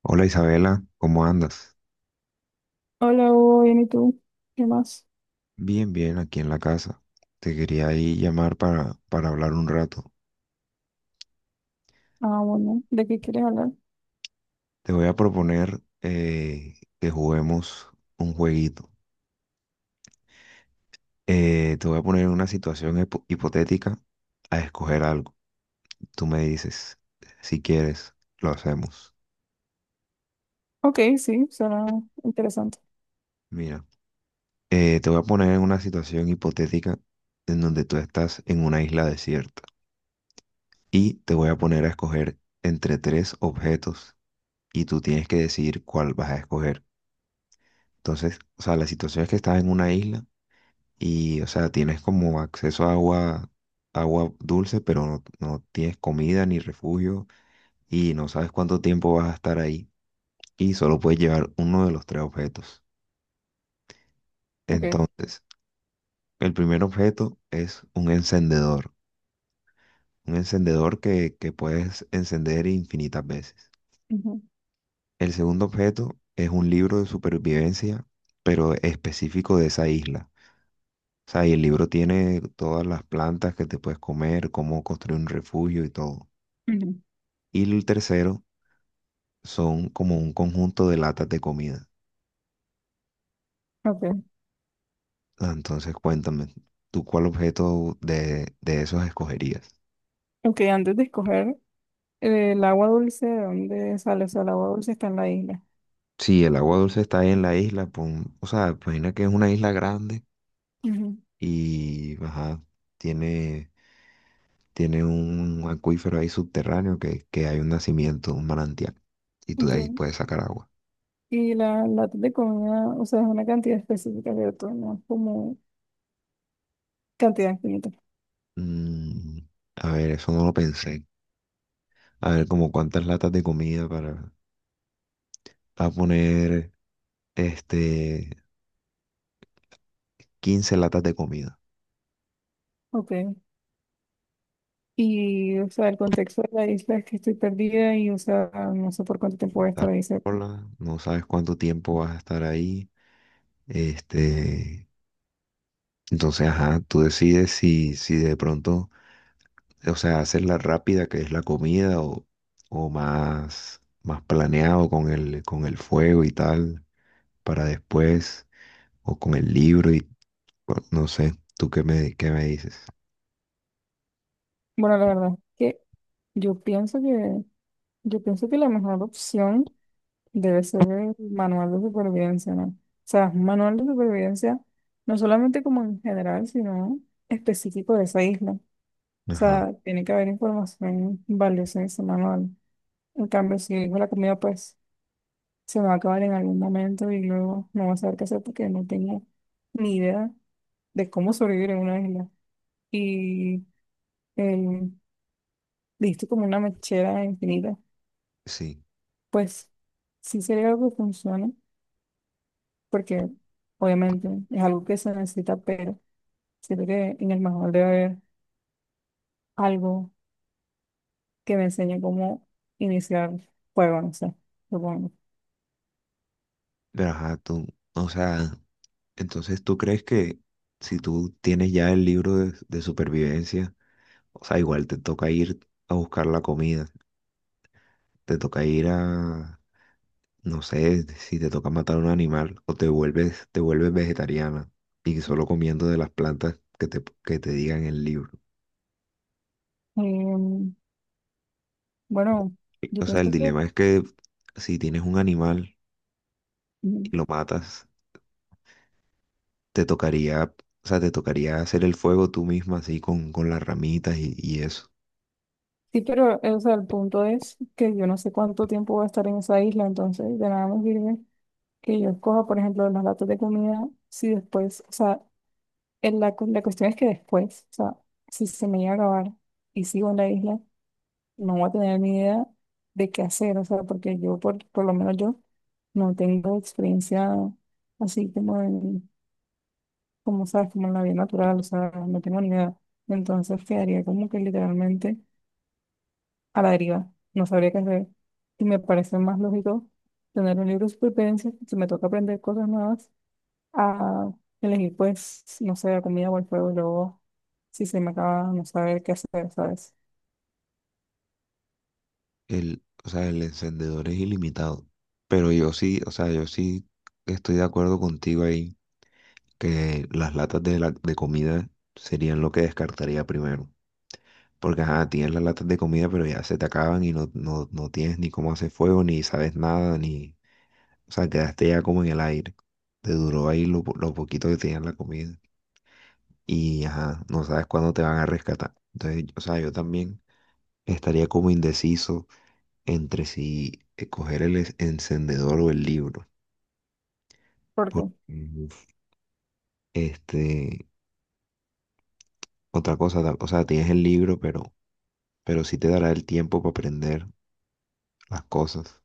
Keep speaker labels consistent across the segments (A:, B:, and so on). A: Hola, Isabela, ¿cómo andas?
B: Hola, Hugo, bien, ¿y tú? ¿Qué más?
A: Bien, bien, aquí en la casa. Te quería ahí llamar para hablar un rato.
B: Ah, bueno, ¿de qué quieres hablar?
A: Te voy a proponer que juguemos un jueguito. Te voy a poner en una situación hipotética a escoger algo. Tú me dices, si quieres, lo hacemos.
B: Ok, sí, suena interesante.
A: Mira, te voy a poner en una situación hipotética en donde tú estás en una isla desierta y te voy a poner a escoger entre tres objetos y tú tienes que decidir cuál vas a escoger. Entonces, o sea, la situación es que estás en una isla y, o sea, tienes como acceso a agua, agua dulce, pero no tienes comida ni refugio y no sabes cuánto tiempo vas a estar ahí y solo puedes llevar uno de los tres objetos.
B: Ok,
A: Entonces, el primer objeto es un encendedor que puedes encender infinitas veces.
B: ujú,
A: El segundo objeto es un libro de supervivencia, pero específico de esa isla. O sea, y el libro tiene todas las plantas que te puedes comer, cómo construir un refugio y todo.
B: ujú,
A: Y el tercero son como un conjunto de latas de comida.
B: Ok,
A: Ah, entonces, cuéntame, ¿tú cuál objeto de esos escogerías?
B: ok, antes de escoger el agua dulce, ¿de dónde sale? O sea, el agua dulce está en la isla.
A: Sí, el agua dulce está ahí en la isla, o sea, imagina que es una isla grande
B: Ujú,
A: y, ajá, tiene, tiene un acuífero ahí subterráneo que hay un nacimiento, un manantial, y tú de ahí
B: ok.
A: puedes sacar agua.
B: Y la lata de comida, o sea, es una cantidad específica, ¿cierto? No es como cantidad infinita.
A: Mm, a ver, eso no lo pensé. A ver, como cuántas latas de comida para... A poner, este, 15 latas de comida.
B: Ok. Y, o sea, el contexto de la isla es que estoy perdida y, o sea, no sé por cuánto tiempo voy a
A: Estar
B: estar ahí, ¿cierto?
A: sola, no sabes cuánto tiempo vas a estar ahí. Este, entonces, ajá, tú decides si de pronto, o sea, haces la rápida, que es la comida, o más, más planeado con el fuego y tal, para después, o con el libro y, bueno, no sé, ¿tú qué me dices?
B: Bueno, la verdad es que yo pienso que, yo pienso que la mejor opción debe ser el manual de supervivencia, ¿no? O sea, un manual de supervivencia, no solamente como en general, sino específico de esa isla. O
A: Ajá,
B: sea, tiene que haber información valiosa en ese manual. En cambio, si digo la comida, pues se me va a acabar en algún momento y luego no voy a saber qué hacer porque no tengo ni idea de cómo sobrevivir en una isla. Y el, listo como una mechera infinita.
A: sí.
B: Pues sí sería algo que funcione, porque obviamente es algo que se necesita, pero siento que en el manual debe haber algo que me enseñe cómo iniciar fuego, no sé, supongo.
A: Pero ajá, tú, o sea... Entonces, ¿tú crees que si tú tienes ya el libro de supervivencia, o sea, igual te toca ir a buscar la comida, te toca ir a, no sé, si te toca matar un animal o te vuelves vegetariana y solo comiendo de las plantas que te digan el libro?
B: Em, bueno, yo
A: O sea, el
B: pienso que
A: dilema es que si tienes un animal
B: mm,
A: y lo matas, te tocaría, o sea, te tocaría hacer el fuego tú misma así con las ramitas y eso.
B: sí, pero o sea, el punto es que yo no sé cuánto tiempo voy a estar en esa isla, entonces de nada me sirve que yo escoja, por ejemplo, las latas de comida, si después, o sea, la cuestión es que después, o sea, si se me llega a acabar y sigo en la isla. No voy a tener ni idea de qué hacer, o sea, porque yo, por, lo menos yo, no tengo experiencia así como en, como sabes, como en la vida natural, o sea, no tengo ni idea. Entonces quedaría como que literalmente a la deriva, no sabría qué hacer. Y me parece más lógico tener un libro de supervivencia, si me toca aprender cosas nuevas, a elegir, pues, no sé, la comida o el fuego, y luego, si se me acaba, no saber qué hacer, ¿sabes?
A: El, o sea, el encendedor es ilimitado. Pero yo sí, o sea, yo sí estoy de acuerdo contigo ahí que las latas de, de comida serían lo que descartaría primero. Porque, ajá, tienes las latas de comida, pero ya se te acaban y no, no tienes ni cómo hacer fuego, ni sabes nada, ni... O sea, quedaste ya como en el aire. Te duró ahí lo, lo poquito que tenías la comida. Y, ajá, no sabes cuándo te van a rescatar. Entonces, o sea, yo también estaría como indeciso entre si coger el encendedor o el libro.
B: Porque,
A: Porque, uf, este, otra cosa, o sea, tienes el libro, pero sí te dará el tiempo para aprender las cosas.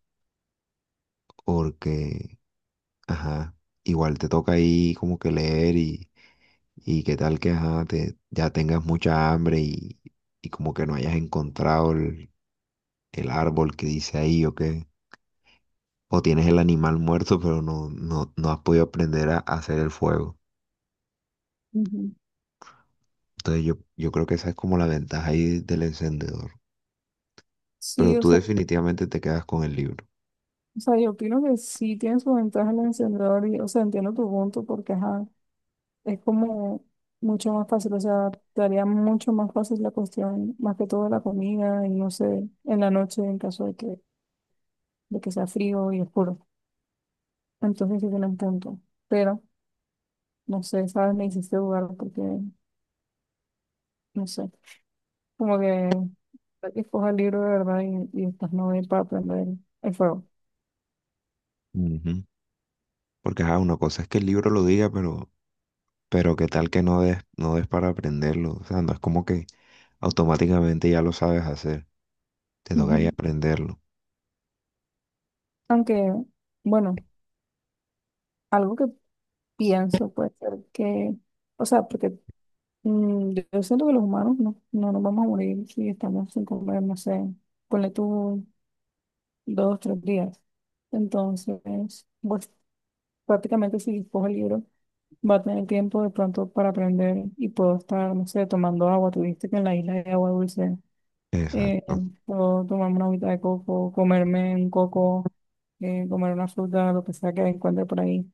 A: Porque, ajá, igual te toca ahí como que leer y qué tal que, ajá, te, ya tengas mucha hambre y como que no hayas encontrado el árbol que dice ahí o qué. O tienes el animal muerto, pero no, no has podido aprender a hacer el fuego.
B: ujú.
A: Entonces yo creo que esa es como la ventaja ahí del encendedor.
B: Sí,
A: Pero
B: o
A: tú
B: sea,
A: definitivamente te quedas con el libro.
B: o sea, yo opino que sí tiene su ventaja el encendedor y, o sea, entiendo tu punto porque, ajá, es como mucho más fácil, o sea, te haría mucho más fácil la cuestión, más que todo la comida y no sé, en la noche en caso de que sea frío y oscuro. Entonces sí tiene un punto, pero, no sé, sabes, me hiciste dudar porque, no sé, como que escoja el libro de verdad y estas novelas para aprender el fuego.
A: Ujú. Porque ajá, una cosa es que el libro lo diga, pero qué tal que no des, no des para aprenderlo. O sea, no es como que automáticamente ya lo sabes hacer. Te toca ahí
B: Ujú.
A: aprenderlo.
B: Aunque, bueno, algo que pienso, puede ser que, o sea, porque mm, yo siento que los humanos no nos vamos a morir si estamos sin comer, no sé, ponle tú dos, tres días. Entonces, pues prácticamente si cojo el libro, va a tener tiempo de pronto para aprender y puedo estar, no sé, tomando agua. Tuviste que en la isla hay agua dulce, eh,
A: Exacto.
B: puedo tomarme una agüita de coco, comerme un coco, comer una fruta, lo que sea que encuentre por ahí.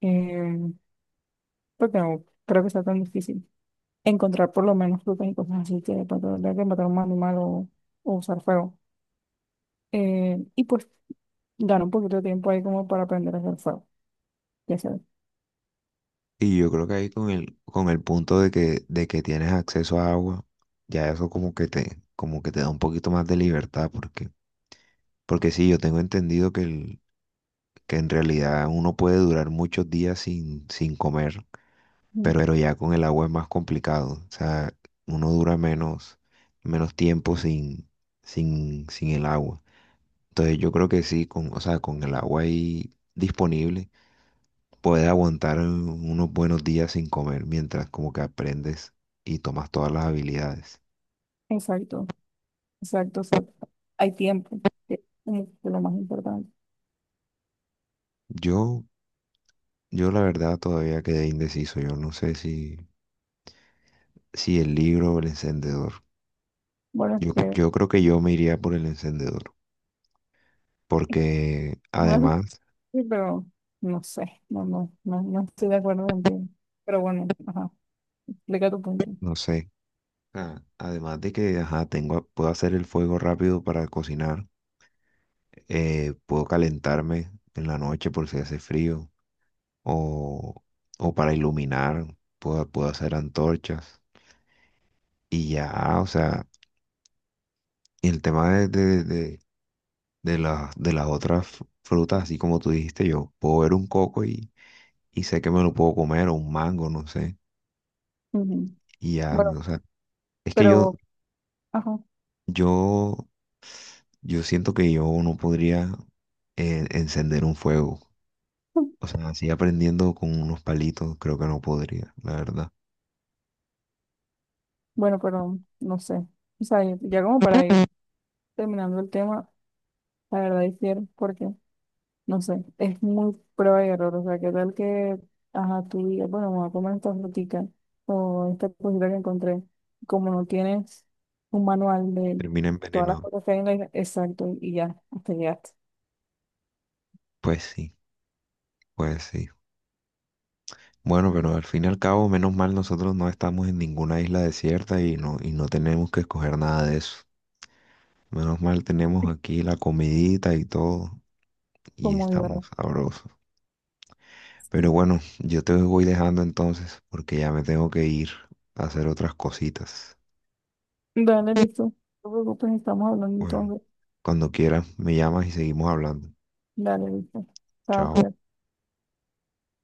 B: Eh, porque no creo que sea tan difícil encontrar por lo menos frutas y cosas así que de pronto tenga que matar a un animal o usar fuego. Y pues ganar un poquito de tiempo ahí como para aprender a hacer fuego. Ya sabes.
A: Y yo creo que ahí con el punto de que tienes acceso a agua, ya eso como que te da un poquito más de libertad, porque, porque sí, yo tengo entendido que el, que en realidad uno puede durar muchos días sin, sin comer,
B: Mm,
A: pero ya con el agua es más complicado. O sea, uno dura menos, menos tiempo sin, sin, sin el agua. Entonces yo creo que sí, con, o sea, con el agua ahí disponible, puedes aguantar unos buenos días sin comer mientras como que aprendes y tomas todas las habilidades.
B: exacto, exacto. O sea, hay tiempo, que es como que lo más importante.
A: Yo, yo la verdad todavía quedé indeciso. Yo no sé si, si el libro o el encendedor.
B: Bueno, es
A: Yo,
B: que
A: yo creo que yo me iría por el encendedor. Porque
B: una se puede
A: además,
B: decir, pero no sé, no, no estoy de acuerdo contigo. Pero bueno, ajá, explica tu punto.
A: no sé, además de que ajá, tengo, puedo hacer el fuego rápido para cocinar, puedo calentarme en la noche por si hace frío, o, o para iluminar, puedo, puedo hacer antorchas, y ya, o sea, y el tema de las otras frutas, así como tú dijiste, yo puedo ver un coco y sé que me lo puedo comer, o un mango, no sé,
B: Ujú.
A: y ya,
B: Bueno,
A: o sea, es que yo,
B: pero, ajá.
A: yo yo siento que yo no podría encender un fuego. O sea, así aprendiendo con unos palitos, creo que no podría, la verdad.
B: Bueno, pero no sé. O sea, ya como para ir terminando el tema, la verdad difiero porque, no sé, es muy prueba y error. O sea, qué tal que, ajá, tú digas, bueno, me voy a comer esta frutica o esta cosita que encontré. Como no tienes un manual de
A: Termina
B: todas las
A: envenenado.
B: cosas que hay en la isla, exacto, y ya, hasta llegaste.
A: Pues sí, pues sí. Bueno, pero al fin y al cabo, menos mal nosotros no estamos en ninguna isla desierta y no tenemos que escoger nada de eso. Menos mal tenemos aquí la comidita y todo y
B: Como yo.
A: estamos sabrosos. Pero bueno, yo te voy dejando entonces porque ya me tengo que ir a hacer otras cositas.
B: Dale, listo. No te preocupes, estamos hablando
A: Bueno,
B: entonces.
A: cuando quieras, me llamas y seguimos hablando.
B: Dale, listo. Chao,
A: Chao.
B: cuídate.